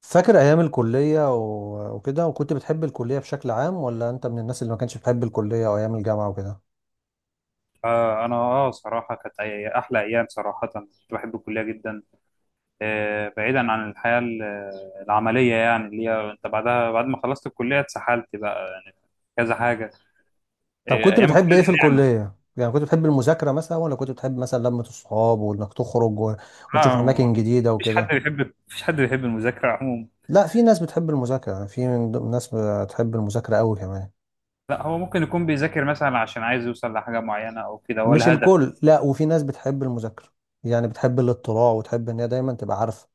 فاكر ايام الكليه و- وكده، وكنت بتحب الكليه بشكل عام، ولا انت من الناس اللي ما كانتش بتحب الكليه او ايام الجامعه وكده؟ انا صراحه احلى ايام صراحه كنت بحب الكليه جدا. بعيدا عن العمليه، يعني اللي هي انت بعدها بعد ما خلصت الكليه اتسحلت بقى يعني. كذا حاجه. طب كنت ايام بتحب الكليه ايه دي في نعمه. الكليه؟ يعني كنت بتحب المذاكره مثلا، ولا كنت بتحب مثلا لمه الصحاب وانك تخرج و- وتشوف اماكن آه، جديده وكده؟ مفيش حد بيحب المذاكره عموما. لا، في ناس بتحب المذاكره. يعني في ناس بتحب المذاكره قوي كمان. لا، هو ممكن يكون بيذاكر مثلا عشان عايز يوصل لحاجه معينه او كده هو مش الهدف. الكل، لا، وفي ناس بتحب المذاكره. يعني بتحب الاطلاع وتحب ان هي دايما تبقى عارفه.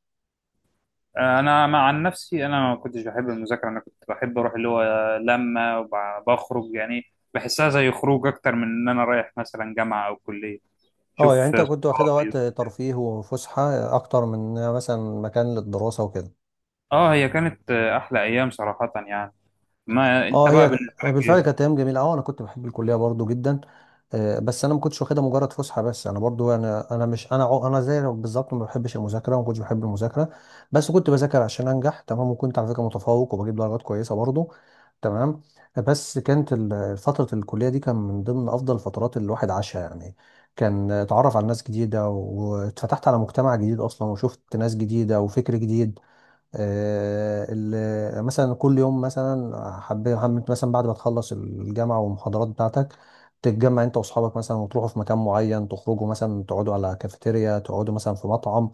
انا مع عن نفسي، انا ما كنتش بحب المذاكره، انا كنت بحب اروح اللي هو لما وبخرج يعني. بحسها زي خروج اكتر من ان انا رايح مثلا جامعه او كليه، اه يعني شوف انت كنت واخدها وقت صحابي. ترفيه وفسحه اكتر من مثلا مكان للدراسه وكده. اه، هي كانت احلى ايام صراحه يعني. ما انت اه بقى هي بالنسبه لك بالفعل كانت ايه؟ ايام جميله. اه انا كنت بحب الكليه برضو جدا. بس انا ما كنتش واخدها مجرد فسحه بس. انا برضو، انا مش انا، انا زي بالظبط ما بحبش المذاكره وما كنتش بحب المذاكره. بس كنت بذاكر عشان انجح. تمام؟ وكنت على فكره متفوق وبجيب درجات كويسه برضو. تمام. بس كانت فتره الكليه دي كان من ضمن افضل الفترات اللي الواحد عاشها يعني. كان اتعرف على ناس جديده، واتفتحت على مجتمع جديد اصلا، وشفت ناس جديده وفكر جديد. مثلا كل يوم مثلا، حبيت مثلا بعد ما تخلص الجامعة والمحاضرات بتاعتك تتجمع انت واصحابك مثلا وتروحوا في مكان معين، تخرجوا مثلا، تقعدوا على كافيتيريا، تقعدوا مثلا في مطعم.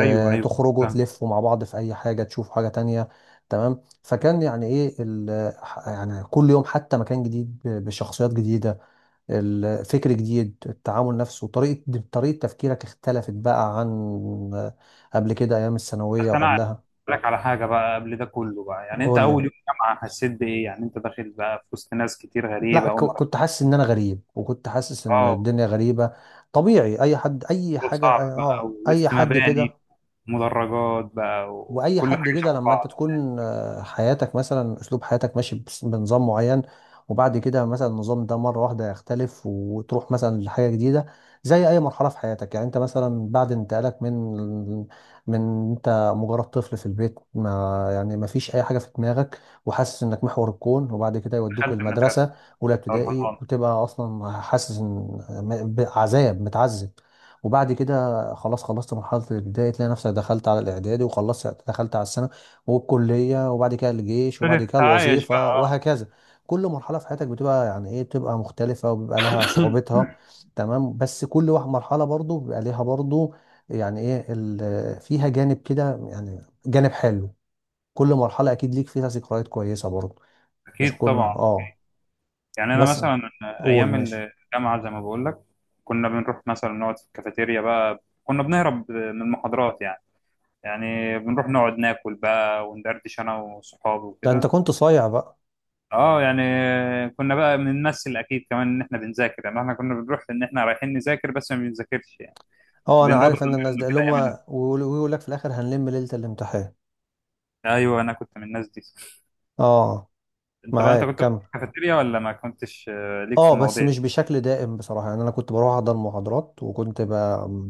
ايوه، ايوه، تخرجوا فاهم. تلفوا مع بعض في اي حاجة، تشوفوا حاجة تانية. تمام. فكان يعني ايه يعني كل يوم حتى مكان جديد ب- بشخصيات جديدة، الفكر جديد، التعامل نفسه، طريقة تفكيرك اختلفت بقى عن آه، قبل كده ايام الثانوية بس انا عايز وقبلها. أقول لك على حاجه بقى قبل ده كله بقى، يعني انت قول لي. اول يوم جامعه حسيت بايه؟ يعني انت داخل بقى في وسط ناس كتير لا، غريبه اول مره. كنت حاسس ان انا غريب، وكنت حاسس ان اه. الدنيا غريبه. طبيعي اي حد، اي مشروع حاجه، صعب بقى اي ووسط حد كده. مباني، مدرجات بقى واي وكل حد حاجة كده شبه لما انت بعض. تكون، آه، حياتك مثلا اسلوب حياتك ماشي بنظام معين، وبعد كده مثلا النظام ده مره واحده يختلف وتروح مثلا لحاجه جديده. زي اي مرحله في حياتك يعني. انت مثلا بعد انتقالك من، انت مجرد طفل في البيت، ما يعني ما فيش اي حاجه في دماغك وحاسس انك محور الكون، وبعد كده يودوك دخلت المدرسه، المدرسة اولى أو ابتدائي، الحضانة. وتبقى اصلا حاسس ان، بعذاب متعذب. وبعد كده خلاص خلصت مرحلة الابتدائي، تلاقي نفسك دخلت على الإعدادي، وخلصت دخلت على الثانوي والكلية، وبعد كده الجيش، وبعد ابتديت كده أتعايش بقى، الوظيفة، أه. وهكذا. كل مرحلة في حياتك بتبقى يعني إيه، بتبقى مختلفة وبيبقى لها صعوبتها. تمام. بس كل واحد مرحلة برضو بيبقى ليها برضو يعني إيه، فيها جانب كده يعني، جانب حلو. كل مرحلة أكيد ليك فيها ذكريات كويسة برضو. مش أكيد كل ما طبعا. آه، يعني أنا بس. مثلا قول أيام ماشي. الجامعة زي ما بقول لك، كنا بنروح مثلا نقعد في الكافيتيريا بقى، كنا بنهرب من المحاضرات يعني. يعني بنروح نقعد ناكل بقى وندردش أنا وصحابي ده أنت وكده. كنت صايع بقى. اه، يعني كنا بقى بنمثل اكيد كمان ان احنا بنذاكر، يعني احنا كنا بنروح ان احنا رايحين نذاكر بس ما بنذاكرش يعني. اه انا بين رضا عارف ان الناس زمان ده اللي كده هم، ايام الامتحان. ويقول لك في الاخر هنلم ليلة الامتحان. ايوه، انا كنت من الناس دي. اه. انت بقى انت معاك كنت في كمل. الكافيتيريا ولا ما كنتش ليك في اه بس المواضيع دي؟ مش بشكل دائم بصراحة. يعني انا كنت بروح احضر محاضرات، وكنت ب...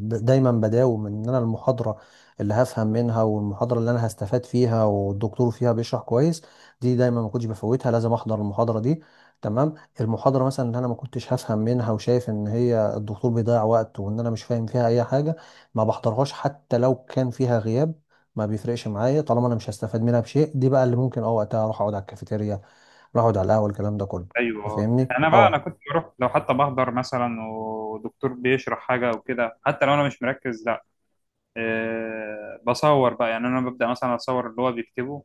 دايما بداوم ان انا المحاضرة اللي هفهم منها، والمحاضرة اللي انا هستفاد فيها والدكتور فيها بيشرح كويس، دي دايما ما كنتش بفوتها، لازم احضر المحاضرة دي. تمام. المحاضرة مثلا اللي انا ما كنتش هفهم منها، وشايف ان هي الدكتور بيضيع وقت وان انا مش فاهم فيها اي حاجة، ما بحضرهاش حتى لو كان فيها غياب. ما بيفرقش معايا طالما انا مش هستفاد منها بشيء. دي بقى اللي ممكن اه وقتها اروح اقعد على الكافيتيريا، اروح اقعد على القهوة، الكلام ده كله. ايوه، آه. فاهمني؟ انا بقى انا اه. كنت بروح لو حتى بحضر مثلا، ودكتور بيشرح حاجه او كده حتى لو انا مش مركز، لا. أه، بصور بقى، يعني انا ببدا مثلا اصور اللي هو بيكتبه،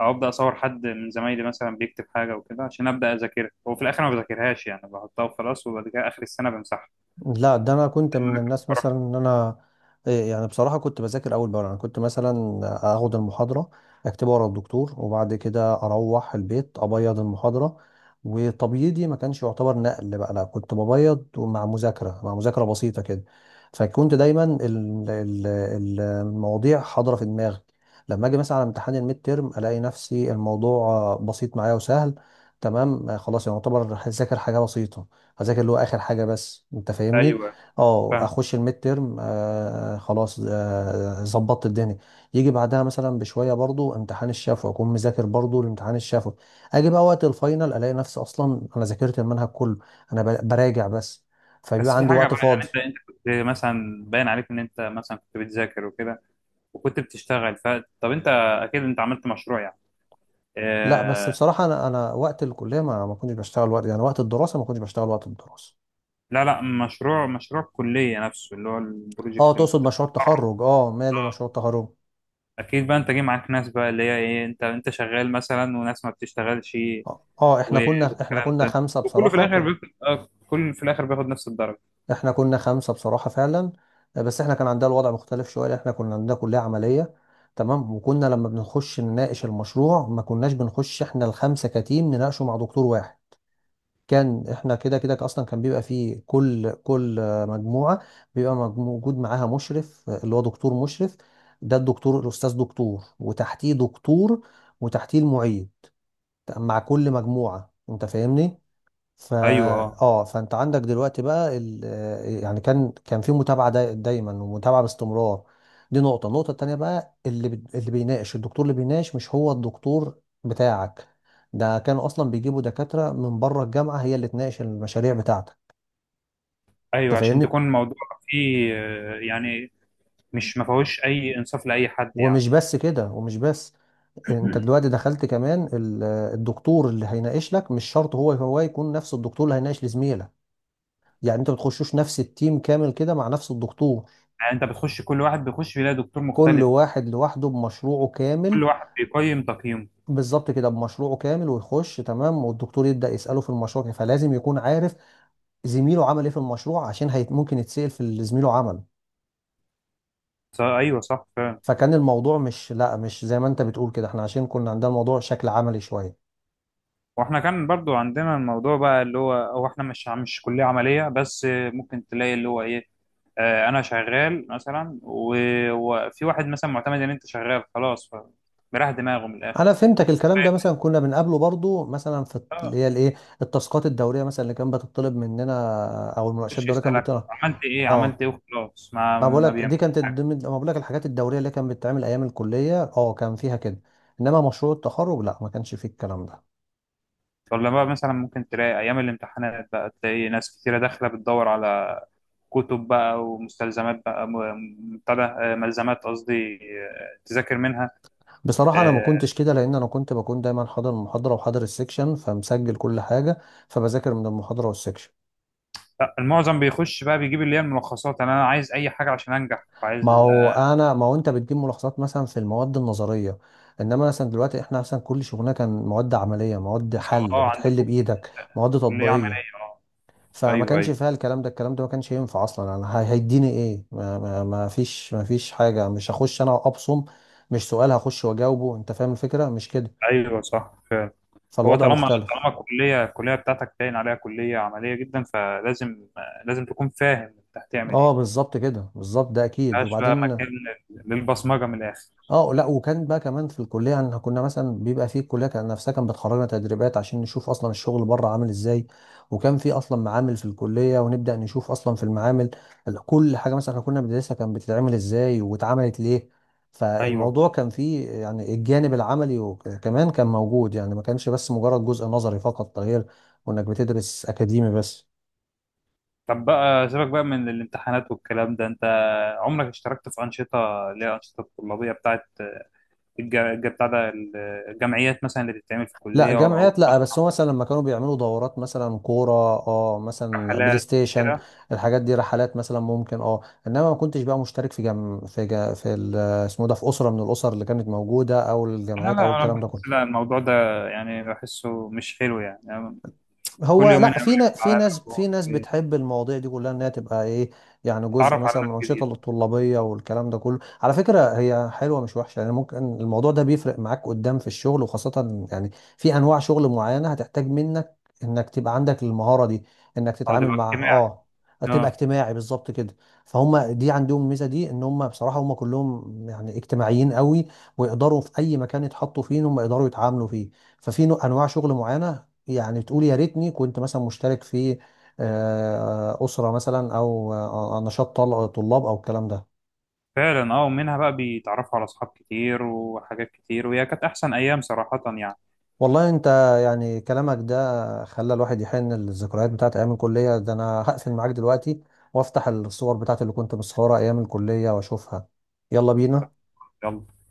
او ابدا اصور حد من زمايلي مثلا بيكتب حاجه وكده عشان ابدا اذاكرها، وفي الاخر ما بذاكرهاش يعني، بحطها وخلاص، وبعد كده اخر السنه بمسحها. لا ده انا كنت من الناس مثلا بروح. ان انا إيه، يعني بصراحه كنت بذاكر اول باول. انا كنت مثلا اخد المحاضره، اكتبها ورا الدكتور، وبعد كده اروح البيت ابيض المحاضره. وتبييضي ما كانش يعتبر نقل بقى، لا كنت ببيض مع مذاكره، مع مذاكره بسيطه كده. فكنت دايما المواضيع حاضره في دماغي. لما اجي مثلا على امتحان الميد تيرم، الاقي نفسي الموضوع، آه، بسيط معايا وسهل. تمام. آه، خلاص، يعني يعتبر ذاكر حاجه بسيطه، هذاكر اللي هو اخر حاجه بس. انت فاهمني؟ ايوه، اه فاهم. اخش الميد تيرم، آه خلاص، آه، ظبطت الدنيا. يجي بعدها مثلا بشويه برضو امتحان الشفوي، اكون مذاكر برضو الامتحان الشفوي. اجي بقى وقت الفاينل الاقي نفسي اصلا انا ذاكرت المنهج كله، انا براجع بس. فبيبقى بس في عندي حاجة وقت بقى، يعني فاضي. انت كنت مثلا باين عليك ان انت مثلا كنت بتذاكر وكده وكنت بتشتغل، ف طب انت اكيد انت عملت مشروع يعني. لا بس اه... بصراحه انا، انا وقت الكليه ما كنتش بشتغل وقت يعني، وقت الدراسه ما كنتش بشتغل وقت الدراسه. لا لا، مشروع مشروع كلية نفسه اللي هو اه البروجكت اللي تقصد انت مشروع بتقرب. التخرج؟ اه ماله مشروع التخرج. اكيد بقى انت جاي معاك ناس بقى اللي هي ايه، انت شغال مثلا وناس ما بتشتغلش اه آه، احنا و- كنا، احنا والكلام كنا ده. خمسه وكله في بصراحه الاخر كنا. بياخد كله في الاخر بياخد نفس الدرجة. احنا كنا خمسة بصراحة فعلا. آه، بس احنا كان عندنا الوضع مختلف شوية لأن احنا كنا عندنا كلية عملية. تمام. وكنا لما بنخش نناقش المشروع، ما كناش بنخش احنا الخمسة كتيم نناقشه مع دكتور واحد. كان احنا كده كده اصلا كان بيبقى فيه كل آه، مجموعة، بيبقى موجود معاها مشرف، آه، اللي هو دكتور مشرف. ده الدكتور الأستاذ دكتور، وتحتيه دكتور، وتحتيه المعيد، مع كل مجموعة. انت فاهمني؟ فا، ايوه، اه، اه، فانت عندك دلوقتي بقى ال... آه، يعني كان في متابعه، دايما ومتابعه باستمرار. دي نقطه. النقطه التانيه بقى اللي اللي بيناقش، الدكتور اللي بيناقش مش هو الدكتور بتاعك. ده كانوا اصلا بيجيبوا دكاتره من بره الجامعه هي اللي تناقش المشاريع بتاعتك. ايوه، انت عشان فاهمني؟ تكون الموضوع فيه يعني، مش ما فيهوش اي انصاف لاي حد يعني. ومش بس كده، ومش بس، انت دلوقتي دخلت كمان الدكتور اللي هيناقش لك مش شرط هو هو يكون نفس الدكتور اللي هيناقش لزميلك. يعني انت بتخشوش نفس التيم كامل كده مع نفس الدكتور. يعني انت بتخش كل واحد بيخش بيلاقي دكتور كل مختلف اصلا. واحد لوحده بمشروعه كامل. كل واحد بيقيم تقييمه. بالظبط كده، بمشروعه كامل، ويخش تمام، والدكتور يبدأ يسأله في المشروع، فلازم يكون عارف زميله عمل ايه في المشروع، عشان هي ممكن يتسأل في اللي زميله عمل. ايوه، صح فعلا. فكان الموضوع مش، لا مش زي ما انت بتقول كده. احنا عشان كنا عندنا الموضوع شكل عملي شوية. واحنا كان برضو عندنا الموضوع بقى اللي هو احنا مش كلية عملية بس، ممكن تلاقي اللي هو ايه. انا شغال مثلا وفي واحد مثلا معتمد ان انت شغال خلاص، فمريح دماغه من الاخر. انا فهمتك. كل الكلام ده واحد، مثلا كنا بنقابله برضو مثلا في اللي اه، هي الايه، التاسكات الدورية مثلا اللي كانت بتطلب مننا، او المناقشات يخش الدورية كانت يسالك بتطلب. عملت ايه عملت اه ايه وخلاص، ما ما ما بقولك دي بيعملش كانت حاجه. ضمن، ما بقولك الحاجات الدورية اللي كانت بتتعمل أيام الكلية، اه كان فيها كده. إنما مشروع التخرج لا، ما كانش فيه الكلام ده. ولا بقى مثلا ممكن تلاقي ايام الامتحانات بقى تلاقي ناس كتيره داخله بتدور على كتب بقى ومستلزمات بقى بتاع ده، ملزمات قصدي، تذاكر منها. بصراحة أنا ما آه، كنتش كده، لأن أنا كنت بكون دايما حاضر المحاضرة وحاضر السكشن، فمسجل كل حاجة. فبذاكر من المحاضرة والسكشن. لا، المعظم بيخش بقى بيجيب اللي هي الملخصات. انا أنا عايز اي حاجه عشان انجح عايز. ما هو أنا، ما هو أنت بتجيب ملاحظات مثلا في المواد النظرية. إنما مثلا دلوقتي إحنا مثلا كل شغلنا كان مواد عملية، مواد انتوا حل، اه بتحل عندكم بإيدك، مواد كليه عمليه. تطبيقية. اه، فما ايوه، كانش ايوه. فيها الكلام ده. الكلام ده ما كانش ينفع اصلا، انا هيديني ايه، ما فيش، ما فيش حاجه. مش هخش انا ابصم. مش سؤال هخش واجاوبه. انت فاهم الفكره مش كده؟ ايوه، صح فعلا. هو فالوضع طالما مختلف. الكليه بتاعتك باين عليها كليه عمليه جدا، فلازم لازم تكون فاهم انت هتعمل اه ايه. بالظبط كده، بالظبط ده اكيد. ملهاش بقى وبعدين مكان للبصمجه من الاخر. اه لا، وكان بقى كمان في الكليه يعني، كنا مثلا بيبقى في الكليه كان، نفسها كانت بتخرجنا تدريبات عشان نشوف اصلا الشغل بره عامل ازاي. وكان في اصلا معامل في الكليه، ونبدا نشوف اصلا في المعامل كل حاجه مثلا احنا كنا بندرسها كانت بتتعمل ازاي، واتعملت ليه. ايوه. فالموضوع كان فيه يعني الجانب العملي، وك- كمان كان موجود يعني. ما كانش بس مجرد جزء نظري فقط، غير وانك بتدرس اكاديمي بس. طب بقى سيبك بقى من الامتحانات والكلام ده، انت عمرك اشتركت في أنشطة اللي هي أنشطة طلابية بتاعت بتاع ده، الجمعيات مثلا اللي بتتعمل في لا الكلية أو جمعيات لا، بس هو مثلا لما كانوا بيعملوا دورات مثلا كورة، اه مثلا بلاي رحلات ستيشن، وكده؟ الحاجات دي، رحلات مثلا ممكن، اه. انما ما كنتش بقى مشترك في جم في جا في ال- اسمه إيه ده، في أسرة من الأسر اللي كانت موجودة، او أنا الجمعيات، او لا، أنا الكلام ده بحس كله. لا، الموضوع ده يعني بحسه مش حلو يعني, يعني كل هو يومين لا أقابل في نا- لك في على ناس في مجموعة. ناس بتحب المواضيع دي كلها انها تبقى ايه، يعني جزء ويتعرف على مثلا ناس من الانشطه جديدة الطلابيه والكلام ده كله. على فكره هي حلوه مش وحشه يعني. ممكن الموضوع ده بيفرق معاك قدام في الشغل، وخاصه يعني في انواع شغل معينه هتحتاج منك انك تبقى عندك المهاره دي، انك أو تتعامل تبقى مع اجتماعي. اه تبقى أه. اجتماعي، بالظبط كده. فهم دي عندهم الميزه دي ان هم بصراحه هم كلهم يعني اجتماعيين قوي، ويقدروا في اي مكان يتحطوا فيه ان هم يقدروا يتعاملوا فيه. ففي انواع شغل معينه، يعني بتقول يا ريتني كنت مثلا مشترك في آه، أسرة مثلا، أو آه، نشاط طلاب، أو الكلام ده. فعلا أه، ومنها بقى بيتعرفوا على أصحاب كتير وحاجات كتير، وهي كانت أحسن أيام صراحة يعني. والله أنت، يعني كلامك ده خلى الواحد يحن للذكريات بتاعت أيام الكلية. ده أنا هقفل معاك دلوقتي وأفتح الصور بتاعت اللي كنت مصورها أيام الكلية وأشوفها. يلا بينا. يلا.